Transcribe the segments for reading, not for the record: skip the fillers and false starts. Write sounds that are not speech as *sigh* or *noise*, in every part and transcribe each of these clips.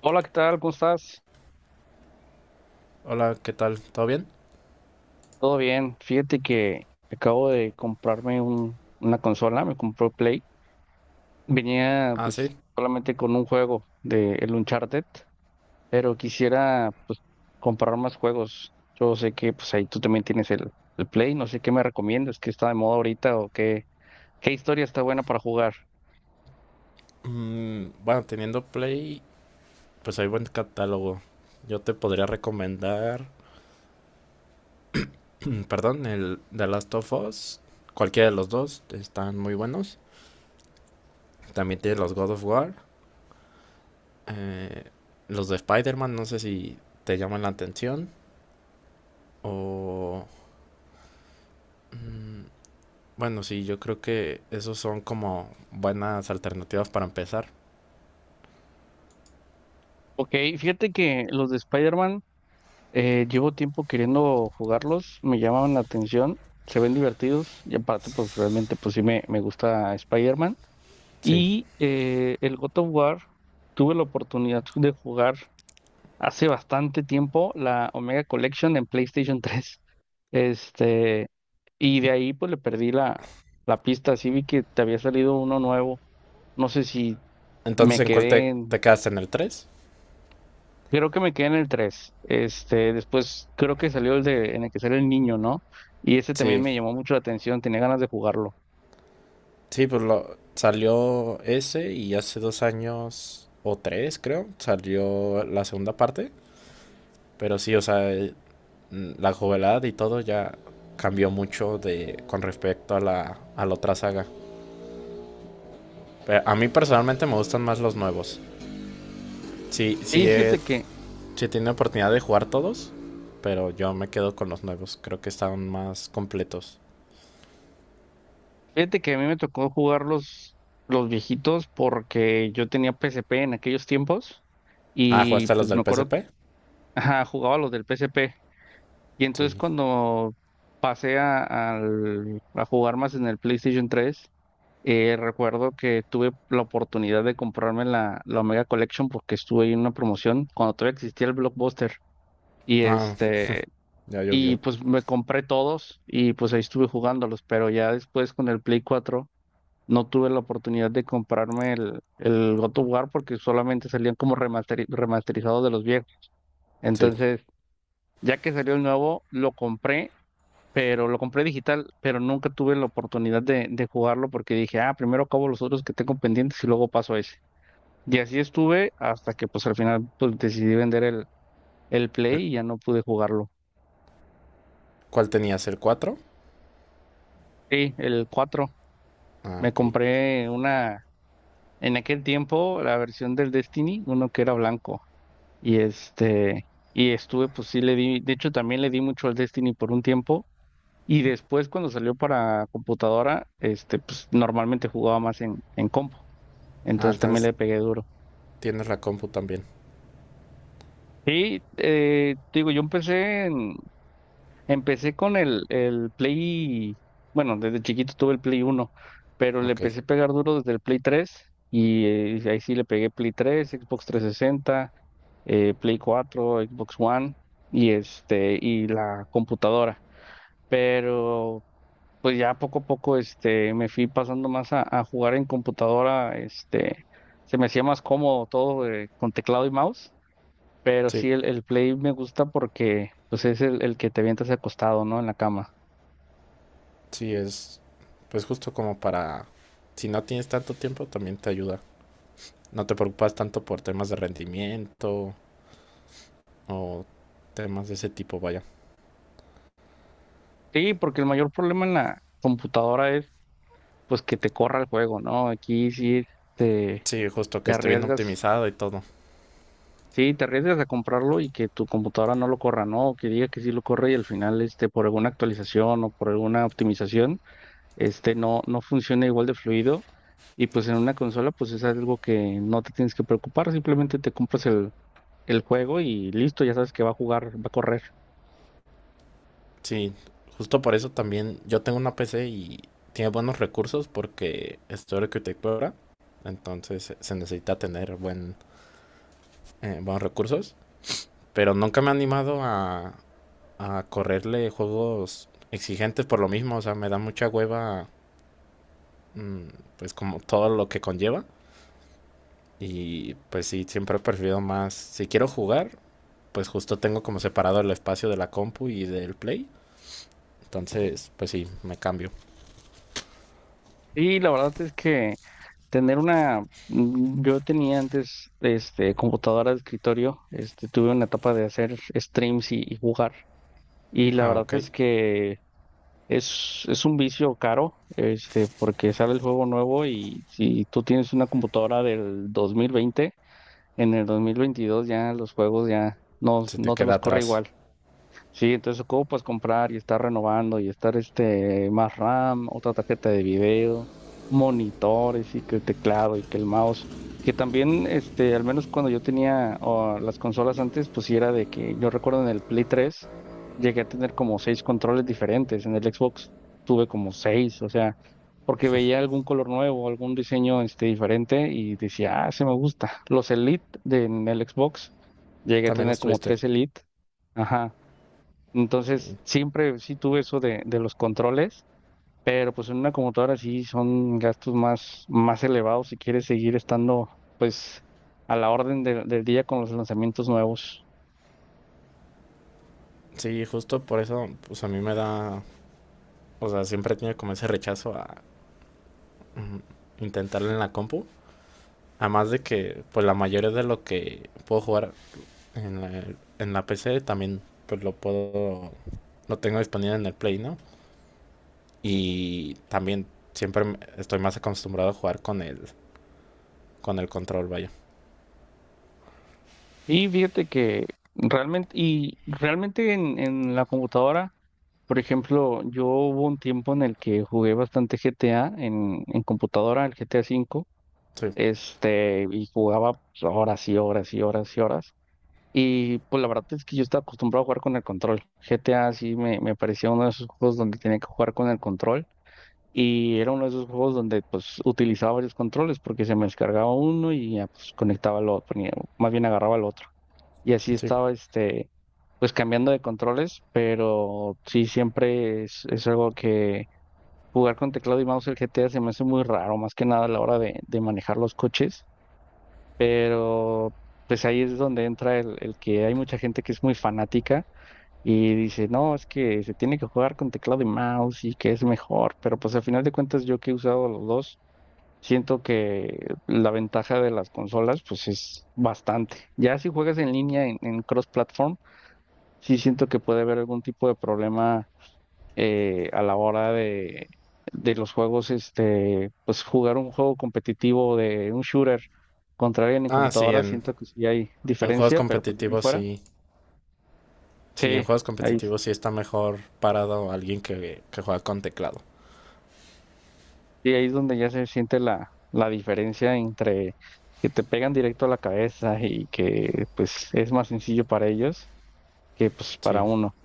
Hola, ¿qué tal? ¿Cómo estás? Hola, ¿qué tal? ¿Todo bien? ¿Todo bien? Fíjate que acabo de comprarme una consola, me compró Play. Venía Ah, pues sí. solamente con un juego de el Uncharted, pero quisiera pues comprar más juegos. Yo sé que pues ahí tú también tienes el Play, no sé qué me recomiendas, qué está de moda ahorita o qué historia está buena para jugar. Bueno, teniendo Play, pues hay buen catálogo. Yo te podría recomendar, perdón, el The Last of Us. Cualquiera de los dos están muy buenos. También tiene los God of War. eh, los de Spider-Man, no sé si te llaman la atención. O, bueno, sí, yo creo que esos son como buenas alternativas para empezar. Ok, fíjate que los de Spider-Man. Llevo tiempo queriendo jugarlos, me llamaban la atención, se ven divertidos y aparte pues realmente pues sí me gusta Spider-Man. Sí. Y el God of War tuve la oportunidad de jugar hace bastante tiempo la Omega Collection en PlayStation *laughs* 3. Este, y de ahí pues le perdí la pista, así vi que te había salido uno nuevo, no sé si Entonces, me ¿en cuál te, quedé. te quedas? ¿En el 3? Creo que me quedé en el tres. Después creo que salió el de en el que sale el niño, ¿no? Y ese también Sí. me llamó mucho la atención, tenía ganas de jugarlo. Sí, pues salió ese y hace dos años o tres, creo, salió la segunda parte. Pero sí, o sea, la novedad y todo ya cambió mucho de con respecto a a la otra saga. Pero a mí personalmente me gustan más los nuevos. Sí, sí, Y he, fíjate que, sí he tenido oportunidad de jugar todos, pero yo me quedo con los nuevos. Creo que están más completos. fíjate que a mí me tocó jugar los viejitos porque yo tenía P S P en aquellos tiempos Ah, y ¿jugaste los pues me del acuerdo. PSP? Ajá, jugaba los del P S P. Y entonces Sí. cuando pasé a jugar más en el PlayStation tres. Recuerdo que tuve la oportunidad de comprarme la Omega Collection porque estuve ahí en una promoción cuando todavía existía el Blockbuster. Y Ah, este, ya llovió. y pues me compré todos y pues ahí estuve jugándolos, pero ya después con el Play 4 no tuve la oportunidad de comprarme el God of War porque solamente salían como remasterizados de los viejos. Sí. Entonces, ya que salió el nuevo, lo compré, pero lo compré digital, pero nunca tuve la oportunidad de jugarlo porque dije, ah, primero acabo los otros que tengo pendientes y luego paso a ese. Y así estuve hasta que pues al final pues decidí vender el El- Play y ya no pude jugarlo. ¿Cuál tenías? ¿El cuatro? Sí, el cuatro. Ah, Me ok. compré una, en aquel tiempo, la versión del Destiny, uno que era blanco. Y este, y estuve, pues sí le di, de hecho también le di mucho al Destiny por un tiempo. Y después cuando salió para computadora, pues normalmente jugaba más en compu. Ah, Entonces también entonces le pegué duro. tienes la compu también. Sí, te digo, yo empecé con el Play, bueno, desde chiquito tuve el Play uno, pero le Ok. empecé a pegar duro desde el Play tres. Y ahí sí le pegué Play tres, Xbox 360, Play cuatro, Xbox One y y la computadora. Pero pues ya poco a poco me fui pasando más a jugar en computadora, se me hacía más cómodo todo, con teclado y mouse. Pero Sí, sí, el play me gusta porque pues es el que te avientas acostado, ¿no? En la cama. sí, es, pues justo como para... Si no tienes tanto tiempo, también te ayuda. No te preocupas tanto por temas de rendimiento o temas de ese tipo, vaya. Sí, porque el mayor problema en la computadora es pues que te corra el juego, ¿no? Aquí sí te, Sí, justo te que esté bien arriesgas, optimizado y todo. sí, te arriesgas a comprarlo y que tu computadora no lo corra, ¿no? O que diga que sí lo corre y al final, por alguna actualización o por alguna optimización, no, no funciona igual de fluido. Y pues en una consola, pues es algo que no te tienes que preocupar, simplemente te compras el juego y listo, ya sabes que va a jugar, va a correr. Sí, justo por eso también yo tengo una PC y tiene buenos recursos porque estoy arquitectura, entonces se necesita tener buenos recursos, pero nunca me he animado a correrle juegos exigentes por lo mismo, o sea, me da mucha hueva, mm, pues como todo lo que conlleva. Y pues sí, siempre he preferido más, si quiero jugar, pues justo tengo como separado el espacio de la compu y del play. Entonces, pues sí, me cambio. Y la verdad es que tener una, yo tenía antes computadora de escritorio, tuve una etapa de hacer streams y jugar y la Ah, verdad ok. es que es un vicio caro, porque sale el juego nuevo y si tú tienes una computadora del 2020, en el 2022 ya los juegos ya no, Se te no te queda los corre atrás. igual. Sí, entonces ocupas comprar y estar renovando y estar más RAM, otra tarjeta de video, monitores y que el teclado y que el mouse, que también al menos cuando yo tenía, oh, las consolas antes, pues sí era de que yo recuerdo en el Play 3 llegué a tener como seis controles diferentes, en el Xbox tuve como seis, o sea, porque veía algún color nuevo, algún diseño diferente y decía, "Ah, se me gusta". Los Elite en el Xbox llegué a También tener los como tuviste. tres Elite. Ajá. Sí. Entonces, siempre sí tuve eso de los controles, pero pues en una computadora sí son gastos más elevados si quieres seguir estando pues a la orden del día con los lanzamientos nuevos. Sí, justo por eso, pues a mí me da, o sea, siempre he tenido como ese rechazo a, mm, intentarlo en la compu. Además de que, pues la mayoría de lo que puedo jugar en en la PC, también pues lo puedo, lo tengo disponible en el Play, ¿no? Y también siempre estoy más acostumbrado a jugar con con el control, vaya. Y fíjate que realmente en, la computadora, por ejemplo, yo hubo un tiempo en el que jugué bastante GTA en computadora, el GTA V, Sí, y jugaba pues, horas y horas y horas y horas. Y pues la verdad es que yo estaba acostumbrado a jugar con el control. GTA sí me parecía uno de esos juegos donde tenía que jugar con el control. Y era uno de esos juegos donde pues utilizaba varios controles porque se me descargaba uno y ya pues conectaba al otro, más bien agarraba el otro. Y así sí. estaba pues cambiando de controles, pero sí siempre es algo que jugar con teclado y mouse el GTA se me hace muy raro, más que nada a la hora de manejar los coches. Pero pues ahí es donde entra el que hay mucha gente que es muy fanática y dice, no, es que se tiene que jugar con teclado y mouse y que es mejor, pero pues al final de cuentas yo que he usado los dos, siento que la ventaja de las consolas pues es bastante. Ya si juegas en línea en cross-platform, sí siento que puede haber algún tipo de problema, a la hora de los juegos, pues jugar un juego competitivo de un shooter contra alguien en Ah, sí, computadora, siento que sí hay en juegos diferencia, pero pues bien competitivos fuera. sí. Sí, en Sí, juegos ahí competitivos sí está mejor parado alguien que juega con teclado. ahí es donde ya se siente la diferencia entre que te pegan directo a la cabeza y que pues es más sencillo para ellos que pues para Sí. uno.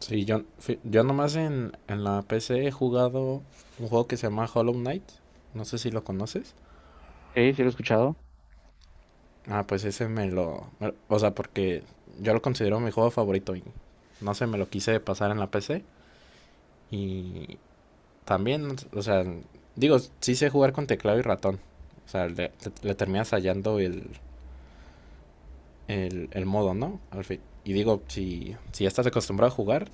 Sí, yo nomás en la PC he jugado un juego que se llama Hollow Knight. No sé si lo conoces. Sí, sí lo he escuchado. Ah, pues ese o sea, porque yo lo considero mi juego favorito y no sé, me lo quise pasar en la PC. Y también, o sea, digo, sí sé jugar con teclado y ratón. O sea, le terminas hallando el modo, ¿no? Al fin. Y digo, si ya estás acostumbrado a jugar,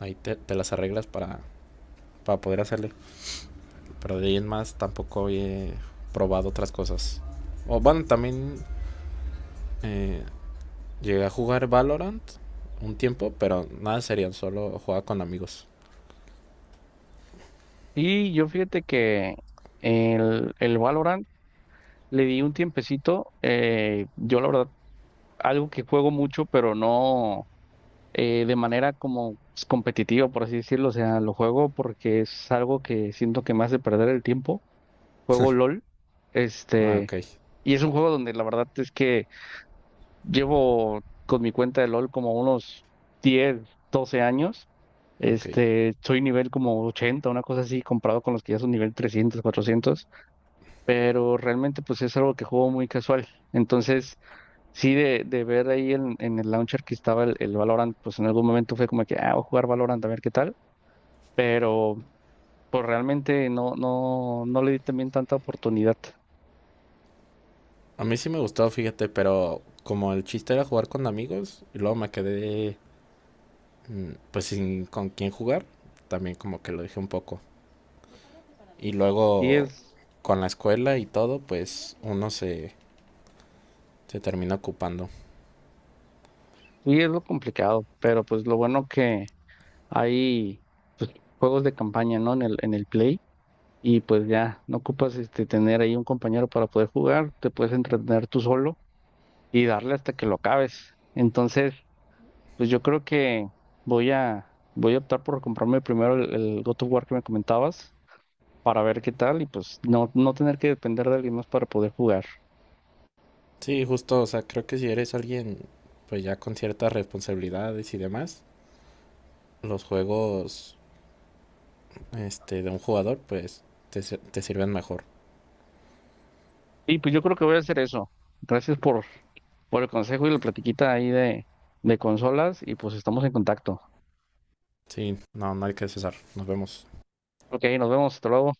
ahí te las arreglas para poder hacerle. Pero de ahí en más tampoco he probado otras cosas. O bueno, también eh, llegué a jugar Valorant un tiempo, pero nada serían, solo jugaba con amigos. Y yo fíjate que el Valorant le di un tiempecito. Yo la verdad, algo que juego mucho, pero no, de manera como pues, competitiva, por así decirlo. O sea, lo juego porque es algo que siento que me hace perder el tiempo. Juego LOL. Ah, Este, y es un juego donde la verdad es que llevo con mi cuenta de LOL como unos 10, 12 años. ok. Soy nivel como 80, una cosa así, comparado con los que ya son nivel 300, 400, pero realmente pues es algo que juego muy casual. Entonces, sí, de ver ahí en, el launcher que estaba el Valorant, pues en algún momento fue como que, ah, voy a jugar Valorant a ver qué tal, pero pues realmente no, no, no le di también tanta oportunidad. A mí sí me gustó, fíjate, pero como el chiste era jugar con amigos y luego me quedé, pues sin con quién jugar, también como que lo dejé un poco. Y Y luego es, con la escuela y todo, pues uno se termina ocupando. y es lo complicado, pero pues lo bueno que hay, pues, juegos de campaña, ¿no? En el Play y pues ya no ocupas tener ahí un compañero para poder jugar, te puedes entretener tú solo y darle hasta que lo acabes. Entonces, pues yo creo que voy a, voy a optar por comprarme primero el God of War que me comentabas para ver qué tal y pues no, no tener que depender de alguien más para poder jugar. Sí, justo, o sea, creo que si eres alguien pues ya con ciertas responsabilidades y demás, los juegos, este, de un jugador, pues te sirven mejor. Y pues yo creo que voy a hacer eso. Gracias por el consejo y la platiquita ahí de consolas y pues estamos en contacto. Sí, no, no hay que cesar. Nos vemos. Ok, nos vemos, hasta luego.